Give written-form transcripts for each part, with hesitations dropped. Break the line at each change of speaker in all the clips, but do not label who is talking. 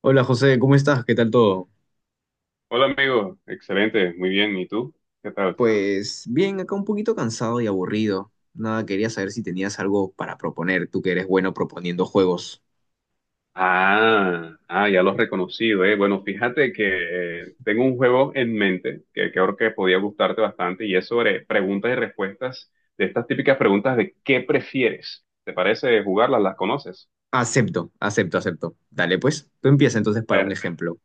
Hola José, ¿cómo estás? ¿Qué tal todo?
Hola amigo, excelente, muy bien, ¿y tú? ¿Qué tal?
Pues bien, acá un poquito cansado y aburrido. Nada, quería saber si tenías algo para proponer, tú que eres bueno proponiendo juegos.
Ah, ah, ya lo has reconocido, eh. Bueno, fíjate que tengo un juego en mente que creo que podía gustarte bastante y es sobre preguntas y respuestas de estas típicas preguntas de ¿qué prefieres? ¿Te parece jugarlas? ¿Las conoces?
Acepto, acepto, acepto. Dale, pues, tú empieza entonces para un
Per-
ejemplo.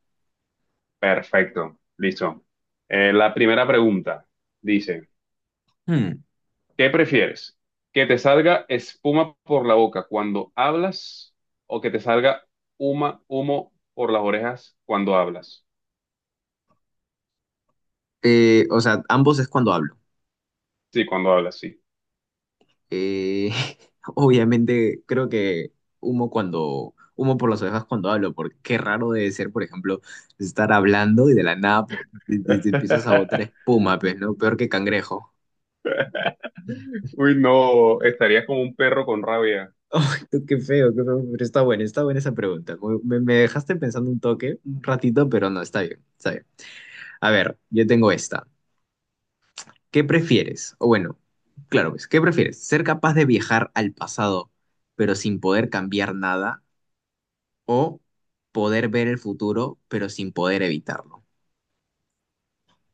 Perfecto, listo. La primera pregunta dice...
Hmm,
¿Qué prefieres? ¿Que te salga espuma por la boca cuando hablas o que te salga humo por las orejas cuando hablas?
o sea, ambos es cuando hablo.
Sí, cuando hablas, sí.
Eh, Obviamente, creo que humo por las orejas cuando hablo, porque qué raro debe ser, por ejemplo, estar hablando y de la nada te empiezas a botar espuma, pues, ¿no? Peor que cangrejo.
Uy, no, estarías como un perro con rabia.
Qué feo, pero está buena esa pregunta. Me dejaste pensando un toque, un ratito, pero no, está bien, está bien. A ver, yo tengo esta. ¿Qué prefieres? O bueno, claro, pues, ¿qué prefieres? ¿Ser capaz de viajar al pasado, pero sin poder cambiar nada? ¿O poder ver el futuro, pero sin poder evitarlo?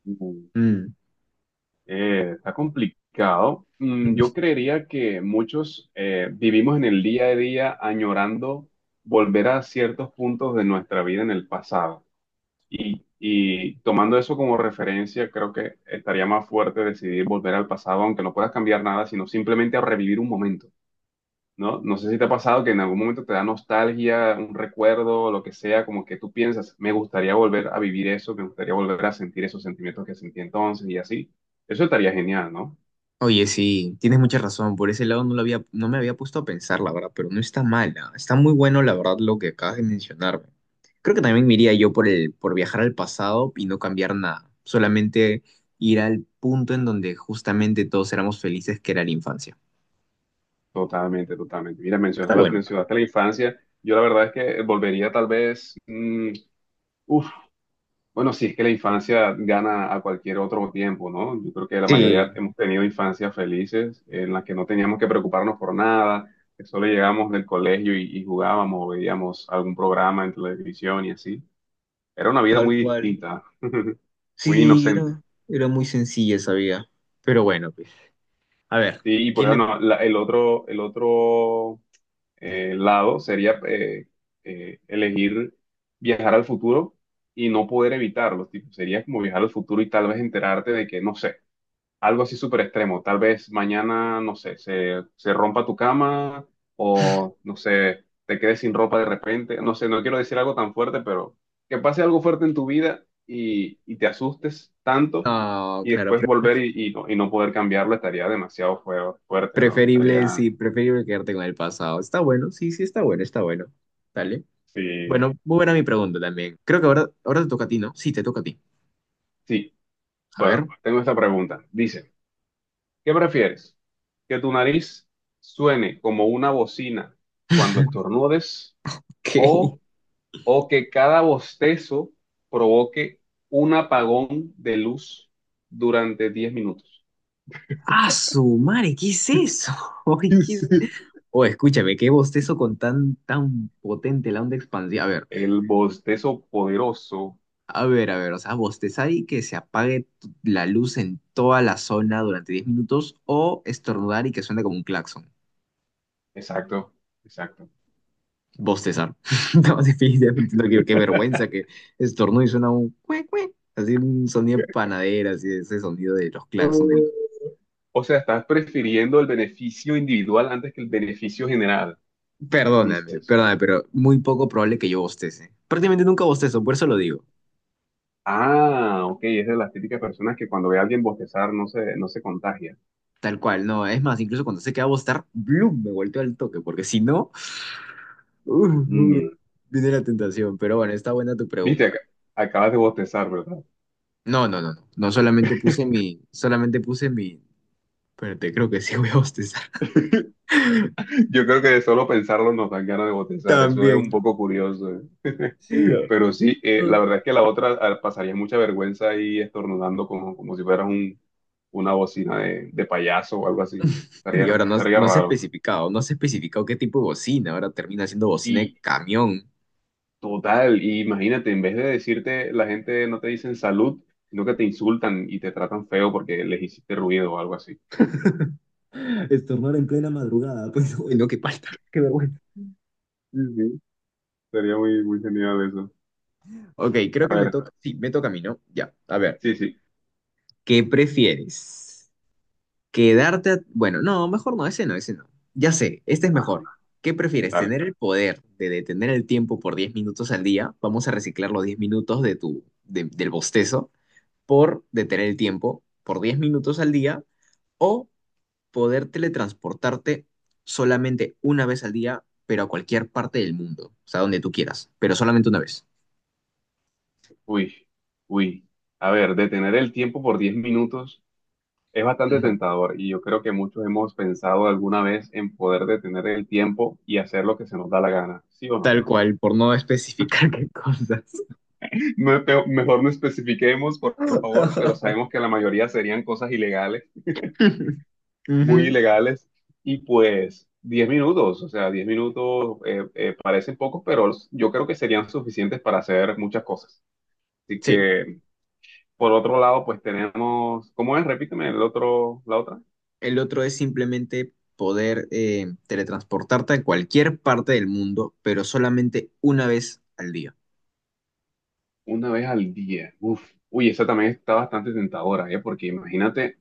Mm,
Mm.
Está complicado. Yo creería que muchos vivimos en el día a día añorando volver a ciertos puntos de nuestra vida en el pasado. Y tomando eso como referencia, creo que estaría más fuerte decidir volver al pasado, aunque no puedas cambiar nada, sino simplemente a revivir un momento, ¿no? No sé si te ha pasado que en algún momento te da nostalgia, un recuerdo, lo que sea, como que tú piensas, me gustaría volver a vivir eso, me gustaría volver a sentir esos sentimientos que sentí entonces y así. Eso estaría genial, ¿no?
Oye, sí, tienes mucha razón. Por ese lado no lo había, no me había puesto a pensar, la verdad, pero no está mala. Está muy bueno, la verdad, lo que acabas de mencionarme. Creo que también me iría yo por viajar al pasado y no cambiar nada. Solamente ir al punto en donde justamente todos éramos felices, que era la infancia.
Totalmente, totalmente. Mira,
Está bueno.
mencionaste la infancia. Yo la verdad es que volvería tal vez, uff, bueno, sí, es que la infancia gana a cualquier otro tiempo, ¿no? Yo creo que la
Sí,
mayoría hemos tenido infancias felices en las que no teníamos que preocuparnos por nada, que solo llegábamos del colegio y jugábamos o veíamos algún programa en televisión y así. Era una vida
tal
muy
cual.
distinta, muy
Sí,
inocente.
era muy sencilla esa vida. Pero bueno, pues. A ver,
Sí, y pues
¿quién le...
bueno, el otro lado sería elegir viajar al futuro y no poder evitarlo, tipo, sería como viajar al futuro y tal vez enterarte de que, no sé, algo así súper extremo. Tal vez mañana, no sé, se rompa tu cama o, no sé, te quedes sin ropa de repente. No sé, no quiero decir algo tan fuerte, pero que pase algo fuerte en tu vida y te asustes tanto
No,
y
claro.
después volver y no poder cambiarlo estaría demasiado fuerte, ¿no?
Preferible,
Estaría,
sí, preferible quedarte con el pasado. Está bueno, sí, sí, está bueno, está bueno. Dale.
sí,
Bueno, muy buena mi pregunta también. Creo que ahora te toca a ti, ¿no? Sí, te toca a ti.
sí.
A ver,
Bueno, tengo esta pregunta. Dice, ¿qué prefieres? ¿Que tu nariz suene como una bocina cuando estornudes o
¿qué?
o que cada bostezo provoque un apagón de luz durante 10 minutos?
¡Ah, su madre! ¿Qué es eso?
¿Qué
Ay, ¿qué
es
es-
esto?
Oh, escúchame, qué bostezo con tan, tan potente la onda expansiva. A ver,
El bostezo poderoso.
a ver, a ver, o sea, bostezar y que se apague t- la luz en toda la zona durante 10 minutos o estornudar y que suene como un claxon.
Exacto, exacto.
Bostezar. No, definitivamente no quiero, qué vergüenza que estornudo y suena un cue, cue, así un sonido de panadera, así ese sonido de los claxons. De
No.
los-
O sea, estás prefiriendo el beneficio individual antes que el beneficio general,
Perdóname,
dices.
perdóname, pero muy poco probable que yo bostece. Prácticamente nunca bostezo, por eso lo digo.
Ah, ok, es de las típicas personas que cuando ve a alguien bostezar no se contagia.
Tal cual, no, es más, incluso cuando sé que va a bostar, ¡blum! Me volteo al toque, porque si no, uh, uh,
Mm.
viene la tentación. Pero bueno, está buena tu
Viste,
pregunta.
acabas de bostezar, ¿verdad?
No, no, no, no, no, solamente puse mi, espérate, creo que sí voy a bostezar.
Yo creo que de solo pensarlo nos dan ganas de bostezar, eso es un
También.
poco curioso, ¿eh?
Sí, no.
Pero sí, la verdad es que la otra pasaría mucha vergüenza ahí estornudando como si fueras una bocina de payaso o algo así.
Y ahora no,
Estaría
no se ha
raro.
especificado, no se ha especificado qué tipo de bocina. Ahora termina siendo bocina de
Y
camión.
total, imagínate, en vez de decirte, la gente no te dicen salud, sino que te insultan y te tratan feo porque les hiciste ruido o algo así.
Estornudar en plena madrugada, pues lo bueno, que falta, qué vergüenza.
Sí, sí, sería muy, muy genial eso.
Ok, creo
A
que me
ver,
toca. Sí, me toca a mí, ¿no? Ya, a ver.
sí, sí.
¿Qué prefieres? ¿Quedarte a- Bueno, no, mejor no, ese no, ese no. Ya sé, este es
Ajá,
mejor. ¿Qué prefieres?
dale.
¿Tener el poder de detener el tiempo por 10 minutos al día? Vamos a reciclar los 10 minutos de del bostezo por detener el tiempo por 10 minutos al día. O poder teletransportarte solamente una vez al día, pero a cualquier parte del mundo, o sea, donde tú quieras, pero solamente una vez.
Uy, uy. A ver, detener el tiempo por 10 minutos. Es bastante
Ujú.
tentador y yo creo que muchos hemos pensado alguna vez en poder detener el tiempo y hacer lo que se nos da la gana, ¿sí o no?
Tal cual, por no especificar qué cosas.
No, mejor no especifiquemos, por favor, pero sabemos que la mayoría serían cosas ilegales, muy
Ujú.
ilegales, y pues 10 minutos, o sea, 10 minutos parecen pocos, pero yo creo que serían suficientes para hacer muchas cosas. Así
Sí,
que, por otro lado, pues tenemos, ¿cómo es? Repíteme el otro, la otra.
el otro es simplemente poder teletransportarte a cualquier parte del mundo, pero solamente una vez al día.
Una vez al día. Uf. Uy, esa también está bastante tentadora, ¿eh? Porque imagínate,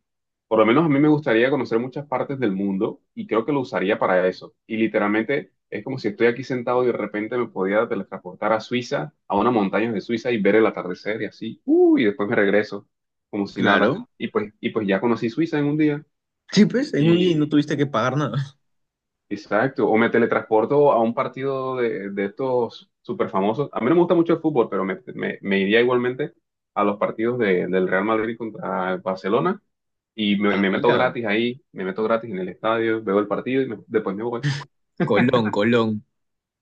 por lo menos a mí me gustaría conocer muchas partes del mundo y creo que lo usaría para eso. Y literalmente es como si estoy aquí sentado y de repente me podía teletransportar a Suiza, a una montaña de Suiza y ver el atardecer y así. Uy, y después me regreso como si nada.
Claro.
Y pues ya conocí Suiza en un día.
Sí, pues, en un día y no tuviste que pagar nada.
Exacto, o me teletransporto a un partido de estos super famosos. A mí no me gusta mucho el fútbol, pero me iría igualmente a los partidos del Real Madrid contra el Barcelona y
Ah,
me meto
mira.
gratis ahí, me meto gratis en el estadio, veo el partido y después me voy.
Colón, Colón.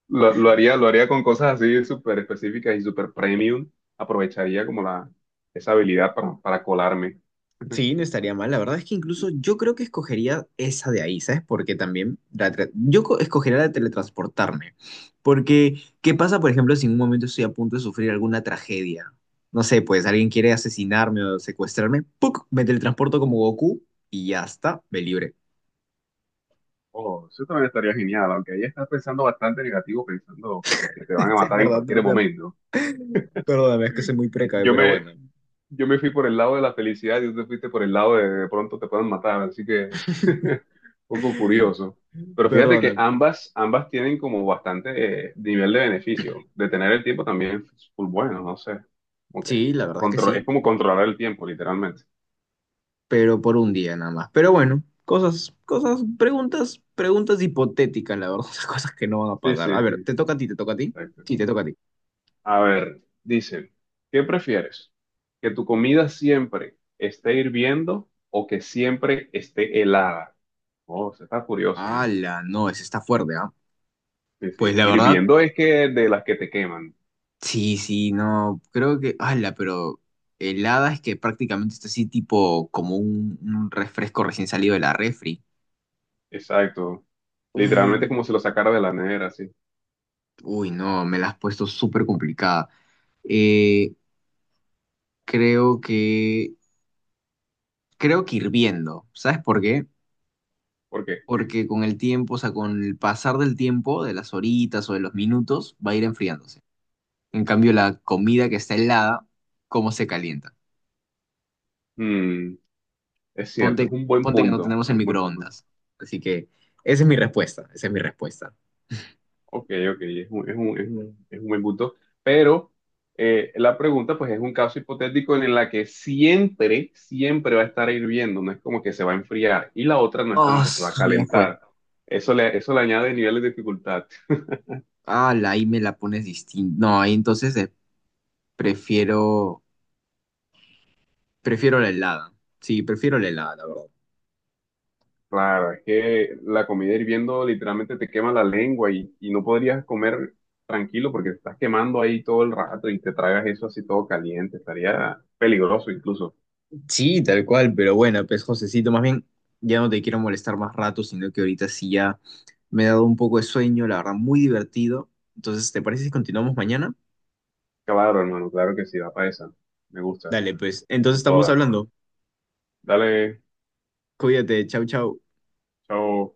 Lo haría con cosas así súper específicas y súper premium. Aprovecharía como esa habilidad para colarme.
Sí, no estaría mal. La verdad es que incluso yo creo que escogería esa de ahí, ¿sabes? Porque también la tra- yo co- escogería la de teletransportarme. Porque, ¿qué pasa, por ejemplo, si en un momento estoy a punto de sufrir alguna tragedia? No sé, pues alguien quiere asesinarme o secuestrarme, ¡puc! Me teletransporto como Goku y ya está, me libre.
Oh, eso también estaría genial, aunque ahí estás pensando bastante negativo, pensando que te van a
Es
matar en
verdad, ¿no?
cualquier
Ya,
momento.
perdóname, es que soy muy precavido,
Yo
pero
me,
bueno.
yo me fui por el lado de la felicidad y tú te fuiste por el lado de pronto te pueden matar, así que un poco curioso. Pero fíjate que
Perdóname.
ambas tienen como bastante nivel de beneficio. Detener el tiempo también es full bueno, no sé. Como que
Sí, la verdad es que
es
sí.
como controlar el tiempo, literalmente.
Pero por un día nada más. Pero bueno, cosas, cosas, preguntas, preguntas hipotéticas, la verdad, o sea, cosas que no van a
Sí,
pasar. A
sí,
ver,
sí,
¿te toca a ti, te toca a ti?
exacto.
Sí, te toca a ti.
A ver, dice, ¿qué prefieres? ¿Que tu comida siempre esté hirviendo o que siempre esté helada? Oh, se está curiosa, ¿eh?
Ala, no, ese está fuerte, ¿ah?
Sí,
Pues
sí.
la verdad,
Hirviendo es que de las que te queman.
sí, sí, no, creo que, ala, pero helada es que prácticamente está así tipo como un refresco recién salido de la refri.
Exacto.
Uh,
Literalmente es como si lo sacara de la nevera, sí.
Uy, no, me la has puesto súper complicada. Eh, creo que, creo que, hirviendo, ¿sabes por qué?
¿Por qué?
Porque con el tiempo, o sea, con el pasar del tiempo, de las horitas o de los minutos, va a ir enfriándose. En cambio, la comida que está helada, ¿cómo se calienta?
Mm, es cierto,
Ponte,
es un buen
ponte que no
punto.
tenemos el
Es un buen punto.
microondas. Así que esa es mi respuesta, esa es mi respuesta.
Ok, ok, es un buen punto. Pero la pregunta, pues, es un caso hipotético en la que siempre, siempre va a estar hirviendo. No es como que se va a enfriar. Y la otra no es como
Oh,
que se va a
ya fue.
calentar. Eso le añade niveles de dificultad.
Ah, la ahí me la pones distinta. No, ahí entonces prefiero, prefiero la helada. Sí, prefiero la helada, la verdad.
Claro, es que la comida hirviendo literalmente te quema la lengua y no podrías comer tranquilo porque te estás quemando ahí todo el rato y te tragas eso así todo caliente, estaría peligroso incluso.
Sí, tal cual, pero bueno, pues Josecito, más bien ya no te quiero molestar más rato, sino que ahorita sí ya me he dado un poco de sueño, la verdad, muy divertido. Entonces, ¿te parece si continuamos mañana?
Claro, hermano, claro que sí, va para esa. Me gusta,
Dale, pues,
con
entonces estamos
toda.
hablando.
Dale,
Cuídate, chau, chau.
chao.